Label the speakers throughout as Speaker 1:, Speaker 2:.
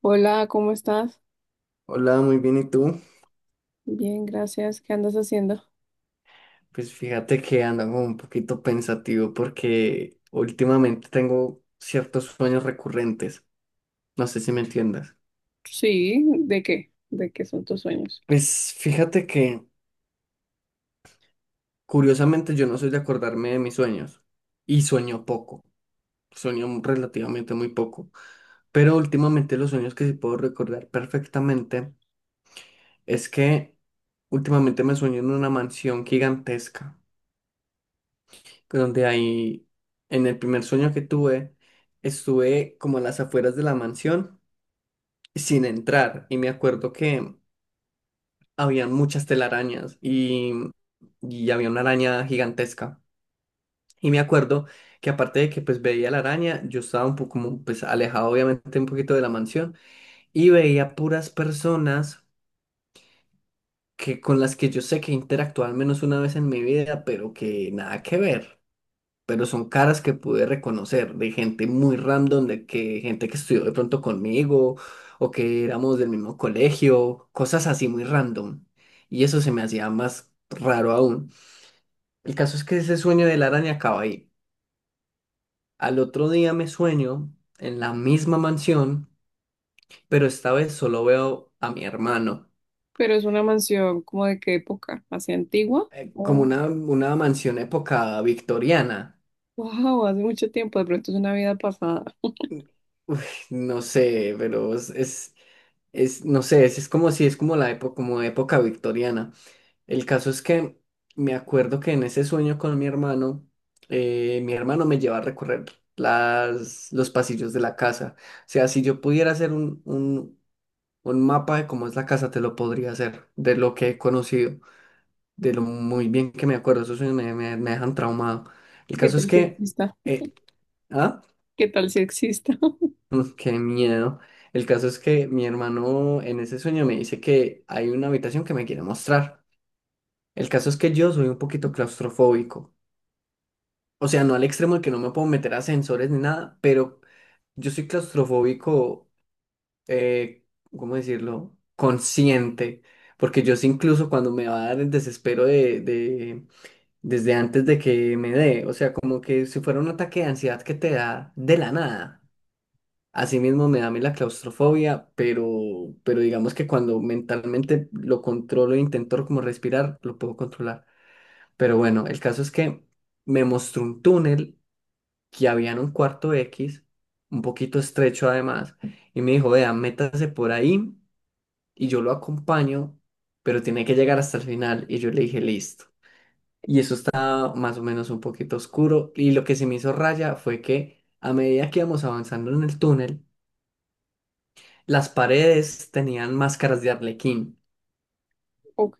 Speaker 1: Hola, ¿cómo estás?
Speaker 2: Hola, muy bien, ¿y tú?
Speaker 1: Bien, gracias. ¿Qué andas haciendo?
Speaker 2: Pues fíjate que ando como un poquito pensativo porque últimamente tengo ciertos sueños recurrentes. No sé si me entiendas.
Speaker 1: Sí, ¿de qué? ¿De qué son tus sueños?
Speaker 2: Pues fíjate que curiosamente yo no soy de acordarme de mis sueños y sueño poco, sueño relativamente muy poco. Pero últimamente los sueños que sí puedo recordar perfectamente es que últimamente me sueño en una mansión gigantesca. Que donde ahí, en el primer sueño que tuve, estuve como a las afueras de la mansión sin entrar y me acuerdo que había muchas telarañas y había una araña gigantesca. Y me acuerdo que aparte de que pues veía la araña, yo estaba un poco como pues alejado obviamente un poquito de la mansión y veía puras personas que con las que yo sé que interactué al menos una vez en mi vida, pero que nada que ver. Pero son caras que pude reconocer de gente muy random, de que gente que estudió de pronto conmigo o que éramos del mismo colegio, cosas así muy random. Y eso se me hacía más raro aún. El caso es que ese sueño de la araña acaba ahí. Al otro día me sueño en la misma mansión, pero esta vez solo veo a mi hermano,
Speaker 1: Pero es una mansión, ¿como de qué época? ¿Hacia antigua?
Speaker 2: como
Speaker 1: Oh,
Speaker 2: una mansión época victoriana.
Speaker 1: wow, hace mucho tiempo, de pronto es una vida pasada.
Speaker 2: Uf, no sé, pero es, es, No sé, es como si es como la época, como época victoriana. El caso es que me acuerdo que en ese sueño con mi hermano me lleva a recorrer las, los pasillos de la casa. O sea, si yo pudiera hacer un mapa de cómo es la casa, te lo podría hacer, de lo que he conocido, de lo muy bien que me acuerdo. Esos sueños me dejan traumado. El
Speaker 1: ¿Qué
Speaker 2: caso es
Speaker 1: tal si
Speaker 2: que...
Speaker 1: exista?
Speaker 2: eh, ¿ah?
Speaker 1: ¿Qué tal si exista?
Speaker 2: Mm, qué miedo. El caso es que mi hermano en ese sueño me dice que hay una habitación que me quiere mostrar. El caso es que yo soy un poquito claustrofóbico. O sea, no al extremo de que no me puedo meter a ascensores ni nada, pero yo soy claustrofóbico, eh, ¿cómo decirlo? Consciente. Porque yo sí incluso cuando me va a dar el desespero desde antes de que me dé, o sea, como que si fuera un ataque de ansiedad que te da de la nada. Asimismo me da a mí la claustrofobia, pero digamos que cuando mentalmente lo controlo e intento como respirar, lo puedo controlar. Pero bueno, el caso es que me mostró un túnel que había en un cuarto X, un poquito estrecho además, y me dijo, vea, métase por ahí y yo lo acompaño, pero tiene que llegar hasta el final. Y yo le dije, listo. Y eso estaba más o menos un poquito oscuro. Y lo que se me hizo raya fue que a medida que íbamos avanzando en el túnel, las paredes tenían máscaras de arlequín
Speaker 1: Ok,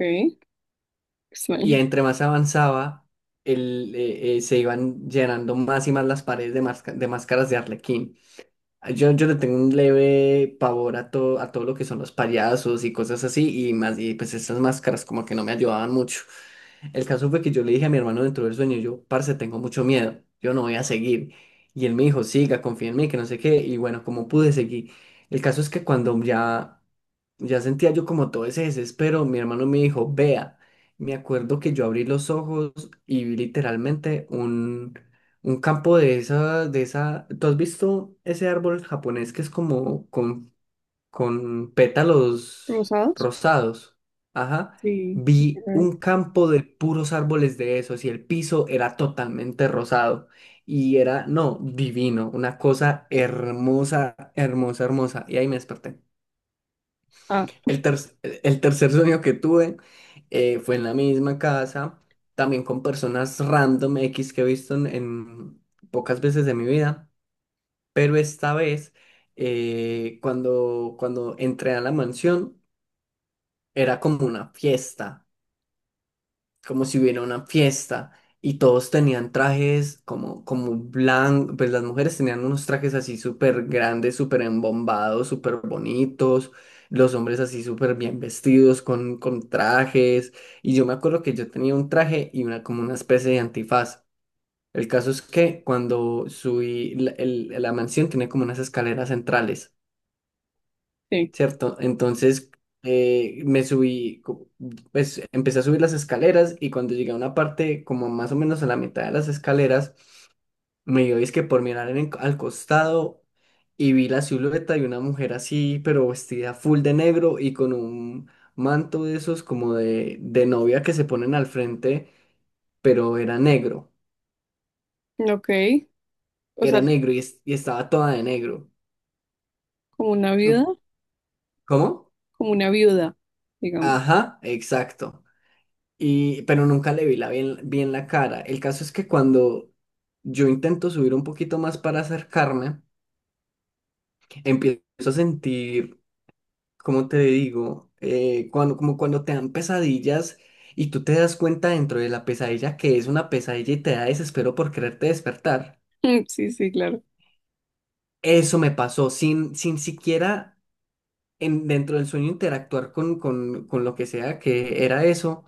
Speaker 2: y
Speaker 1: extraño.
Speaker 2: entre más avanzaba, se iban llenando más y más las paredes de máscaras de arlequín. Yo le tengo un leve pavor a todo lo que son los payasos y cosas así, y más, y pues esas máscaras como que no me ayudaban mucho. El caso fue que yo le dije a mi hermano dentro del sueño, yo, parce, tengo mucho miedo, yo no voy a seguir. Y él me dijo, siga, confía en mí, que no sé qué, y bueno, como pude seguir. El caso es que cuando ya, ya sentía yo como todo ese desespero, mi hermano me dijo, vea, me acuerdo que yo abrí los ojos y vi literalmente un campo de esa, de esa. ¿Tú has visto ese árbol japonés que es como con pétalos
Speaker 1: ¿Rosados?
Speaker 2: rosados? Ajá.
Speaker 1: Sí, sí, quiero
Speaker 2: Vi
Speaker 1: ver.
Speaker 2: un campo de puros árboles de esos y el piso era totalmente rosado. Y era, no, divino, una cosa hermosa, hermosa, hermosa. Y ahí me desperté.
Speaker 1: Ah,
Speaker 2: El, ter- el tercer sueño que tuve fue en la misma casa, también con personas random X que he visto en pocas veces de mi vida, pero esta vez cuando entré a la mansión era como una fiesta como si hubiera una fiesta y todos tenían trajes como, como blanco, pues las mujeres tenían unos trajes así súper grandes, súper embombados, súper bonitos, los hombres así súper bien vestidos con trajes y yo me acuerdo que yo tenía un traje y una como una especie de antifaz. El caso es que cuando subí, la mansión tiene como unas escaleras centrales.
Speaker 1: sí.
Speaker 2: ¿Cierto? Entonces eh, me subí, co- pues empecé a subir las escaleras y cuando llegué a una parte como más o menos a la mitad de las escaleras, me dio es que por mirar al costado y vi la silueta de una mujer así, pero vestida full de negro y con un manto de esos como de novia que se ponen al frente, pero
Speaker 1: Ok, o sea,
Speaker 2: era negro y estaba toda de negro.
Speaker 1: como una viuda,
Speaker 2: ¿Cómo?
Speaker 1: como una viuda, digamos.
Speaker 2: Ajá, exacto. Y, pero nunca le vi la bien, bien la cara. El caso es que cuando yo intento subir un poquito más para acercarme, empiezo a sentir, como te digo, eh, cuando, como cuando te dan pesadillas y tú te das cuenta dentro de la pesadilla que es una pesadilla y te da desespero por quererte despertar.
Speaker 1: Sí, sí, claro.
Speaker 2: Eso me pasó sin, sin siquiera dentro del sueño interactuar con lo que sea que era eso.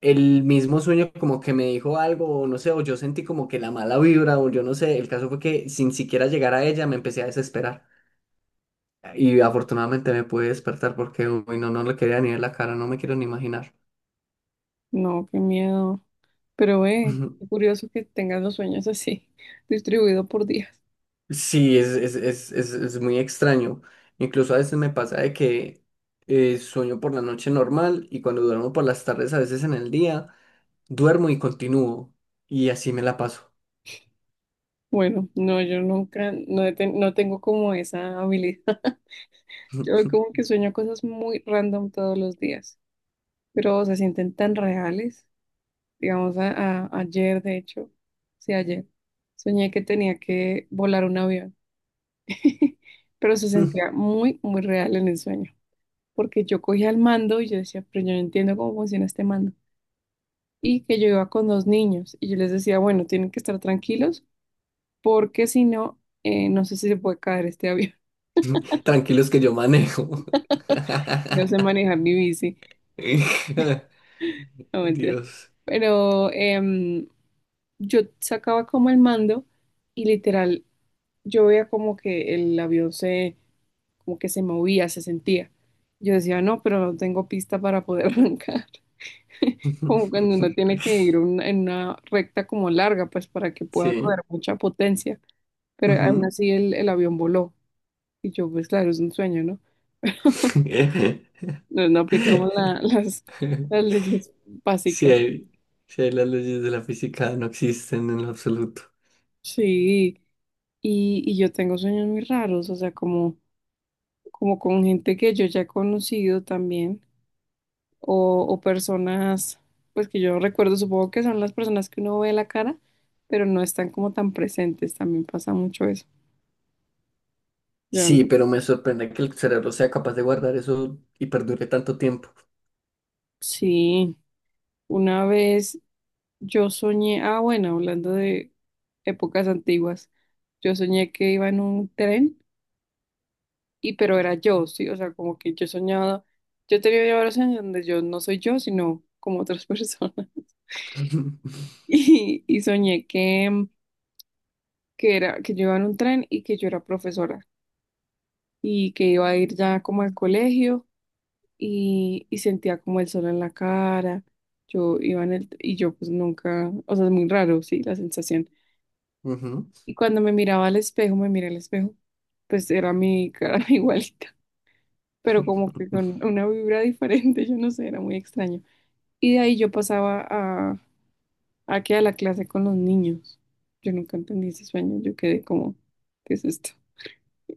Speaker 2: El mismo sueño como que me dijo algo, o no sé, o yo sentí como que la mala vibra, o yo no sé, el caso fue que sin siquiera llegar a ella me empecé a desesperar. Y afortunadamente me pude despertar porque, uy, no, no le quería ni ver la cara, no me quiero ni imaginar.
Speaker 1: No, qué miedo. Pero
Speaker 2: Ujú.
Speaker 1: qué curioso que tengas los sueños así, distribuido por días.
Speaker 2: Sí, es muy extraño. Incluso a veces me pasa de que sueño por la noche normal y cuando duermo por las tardes, a veces en el día, duermo y continúo. Y así me la paso.
Speaker 1: Bueno, no, yo nunca, no, no tengo como esa habilidad. Yo como que sueño cosas muy random todos los días, pero se sienten tan reales. Digamos, ayer, de hecho, sí, ayer, soñé que tenía que volar un avión, pero se sentía muy, muy real en el sueño, porque yo cogía el mando y yo decía, pero yo no entiendo cómo funciona este mando. Y que yo iba con dos niños y yo les decía, bueno, tienen que estar tranquilos porque si no, no sé si se puede caer este avión,
Speaker 2: Tranquilos que yo manejo.
Speaker 1: no sé manejar mi bici, no mentira.
Speaker 2: Dios.
Speaker 1: Pero yo sacaba como el mando y literal, yo veía como que como que se movía, se sentía. Yo decía, no, pero no tengo pista para poder arrancar. Como cuando uno tiene que en una recta como larga, pues para que pueda coger
Speaker 2: Sí.
Speaker 1: mucha potencia. Pero aún
Speaker 2: Ujú.
Speaker 1: así el avión voló. Y yo, pues claro, es un sueño, ¿no? No, no aplicamos las leyes
Speaker 2: Sí
Speaker 1: básicas.
Speaker 2: hay, sí hay las leyes de la física no existen en lo absoluto.
Speaker 1: Sí, y yo tengo sueños muy raros, o sea, como, como con gente que yo ya he conocido también, o personas, pues que yo recuerdo, supongo que son las personas que uno ve la cara, pero no están como tan presentes, también pasa mucho eso. Yo
Speaker 2: Sí,
Speaker 1: no.
Speaker 2: pero me sorprende que el cerebro sea capaz de guardar eso y perdure tanto tiempo.
Speaker 1: Sí, una vez yo soñé, ah, bueno, hablando de épocas antiguas, yo soñé que iba en un tren. Y pero era yo, sí, o sea, como que yo soñaba, yo tenía varios años donde yo no soy yo, sino como otras personas. Y soñé que, que era, que yo iba en un tren y que yo era profesora y que iba a ir ya como al colegio y sentía como el sol en la cara. Yo iba en el, y yo pues nunca, o sea, es muy raro, sí, la sensación.
Speaker 2: Ujú.
Speaker 1: Y cuando me miraba al espejo, me miré al espejo, pues era mi cara igualita, pero como que con una vibra diferente, yo no sé, era muy extraño. Y de ahí yo pasaba a que a la clase con los niños. Yo nunca entendí ese sueño, yo quedé como, ¿qué es esto?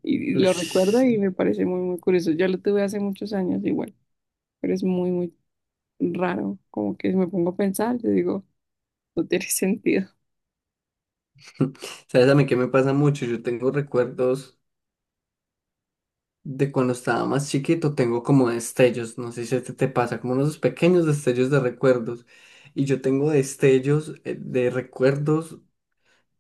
Speaker 1: Y, y lo recuerdo
Speaker 2: Ush.
Speaker 1: y me parece muy, muy curioso. Ya lo tuve hace muchos años igual, pero es muy, muy raro. Como que me pongo a pensar, yo digo, no tiene sentido.
Speaker 2: ¿Sabes a mí qué me pasa mucho? Yo tengo recuerdos de cuando estaba más chiquito, tengo como destellos, no sé si a ti te pasa, como unos pequeños destellos de recuerdos. Y yo tengo destellos de recuerdos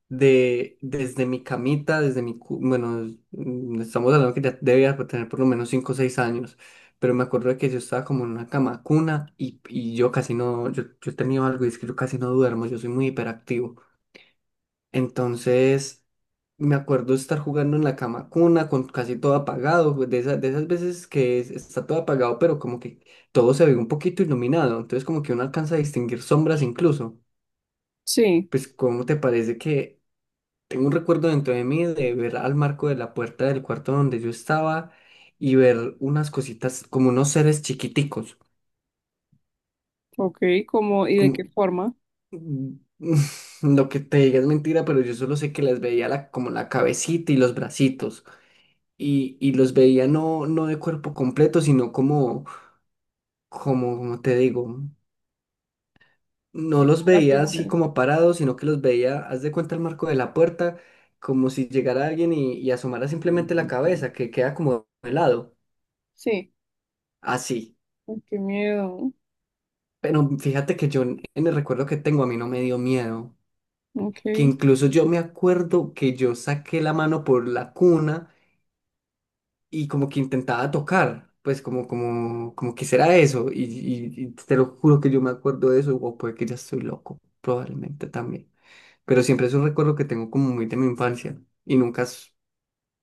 Speaker 2: de desde mi camita, desde mi, cu- bueno, es- mm, estamos hablando que ya debía tener por lo menos 5 o 6 años, pero me acuerdo de que yo estaba como en una cama cuna y yo casi no, yo he tenido algo y es que yo casi no duermo, yo soy muy hiperactivo. Entonces, me acuerdo estar jugando en la cama con una, con casi todo apagado, pues, de esas veces que está todo apagado, pero como que todo se ve un poquito iluminado, entonces como que uno alcanza a distinguir sombras incluso.
Speaker 1: Sí,
Speaker 2: Pues, ¿cómo te parece que tengo un recuerdo dentro de mí de ver al marco de la puerta del cuarto donde yo estaba y ver unas cositas como unos seres chiquiticos,
Speaker 1: ok, ¿cómo y de qué
Speaker 2: como...
Speaker 1: forma?
Speaker 2: Mm, lo que te diga es mentira, pero yo solo sé que les veía la, como la cabecita y los bracitos. Y los veía no, no de cuerpo completo, sino como, como, como te digo, no los
Speaker 1: La
Speaker 2: veía así
Speaker 1: figura.
Speaker 2: como parados, sino que los veía, haz de cuenta el marco de la puerta, como si llegara alguien y asomara simplemente la cabeza, que queda como de lado,
Speaker 1: Sí,
Speaker 2: así.
Speaker 1: ay, qué miedo.
Speaker 2: Pero fíjate que yo en el recuerdo que tengo a mí no me dio miedo,
Speaker 1: Ok,
Speaker 2: que incluso yo me acuerdo que yo saqué la mano por la cuna y como que intentaba tocar, pues como, como, como que será eso, y te lo juro que yo me acuerdo de eso, o puede que ya estoy loco, probablemente también, pero siempre es un recuerdo que tengo como muy de mi infancia, y nunca, s-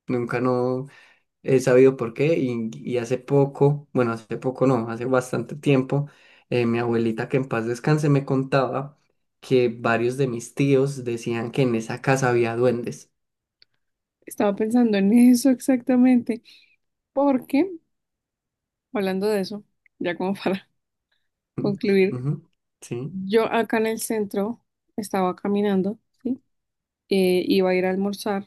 Speaker 2: nunca no he sabido por qué, y hace poco, bueno, hace poco no, hace bastante tiempo, mi abuelita que en paz descanse me contaba que varios de mis tíos decían que en esa casa había duendes.
Speaker 1: estaba pensando en eso exactamente, porque hablando de eso, ya como para concluir,
Speaker 2: Ujú. Sí,
Speaker 1: yo acá en el centro estaba caminando, ¿sí? Iba a ir a almorzar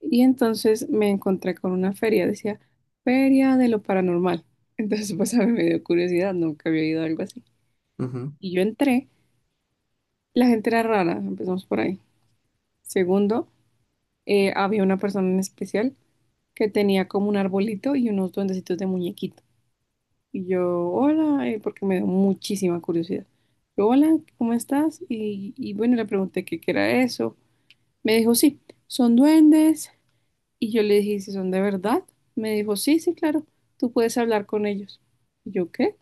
Speaker 1: y entonces me encontré con una feria, decía Feria de lo Paranormal. Entonces, pues a mí me dio curiosidad, nunca había ido a algo así.
Speaker 2: ujú,
Speaker 1: Y yo entré, la gente era rara, empezamos por ahí. Segundo, había una persona en especial que tenía como un arbolito y unos duendecitos de muñequito. Y yo, hola, porque me dio muchísima curiosidad. Yo, hola, ¿cómo estás? Y bueno, le pregunté qué era eso. Me dijo, sí, son duendes. Y yo le dije, ¿si son de verdad? Me dijo, sí, sí, claro, tú puedes hablar con ellos. Y yo, ¿qué?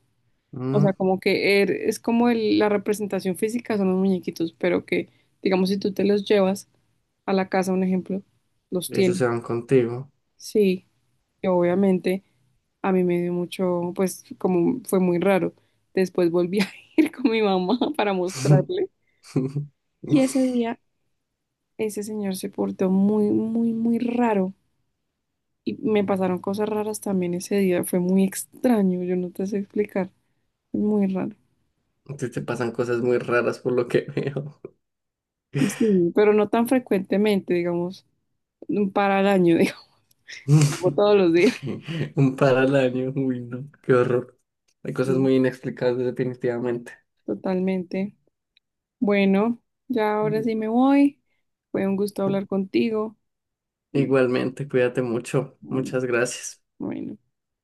Speaker 1: O sea,
Speaker 2: mm,
Speaker 1: como que es como la representación física son los muñequitos, pero que, digamos, si tú te los llevas a la casa, un ejemplo, los
Speaker 2: ellos
Speaker 1: tienes.
Speaker 2: se van contigo.
Speaker 1: Sí, y obviamente a mí me dio mucho, pues como fue muy raro. Después volví a ir con mi mamá para mostrarle. Y ese día, ese señor se portó muy, muy, muy raro. Y me pasaron cosas raras también ese día. Fue muy extraño, yo no te sé explicar. Muy raro.
Speaker 2: Te pasan cosas muy raras por lo que veo.
Speaker 1: Sí, pero no tan frecuentemente, digamos, un para al año, digamos, como todos los días.
Speaker 2: Un par al año, uy, no, qué horror. Hay cosas
Speaker 1: Sí,
Speaker 2: muy inexplicables definitivamente.
Speaker 1: totalmente. Bueno, ya ahora sí me voy. Fue un gusto hablar contigo y
Speaker 2: Igualmente, cuídate mucho.
Speaker 1: bueno,
Speaker 2: Muchas gracias.
Speaker 1: bueno.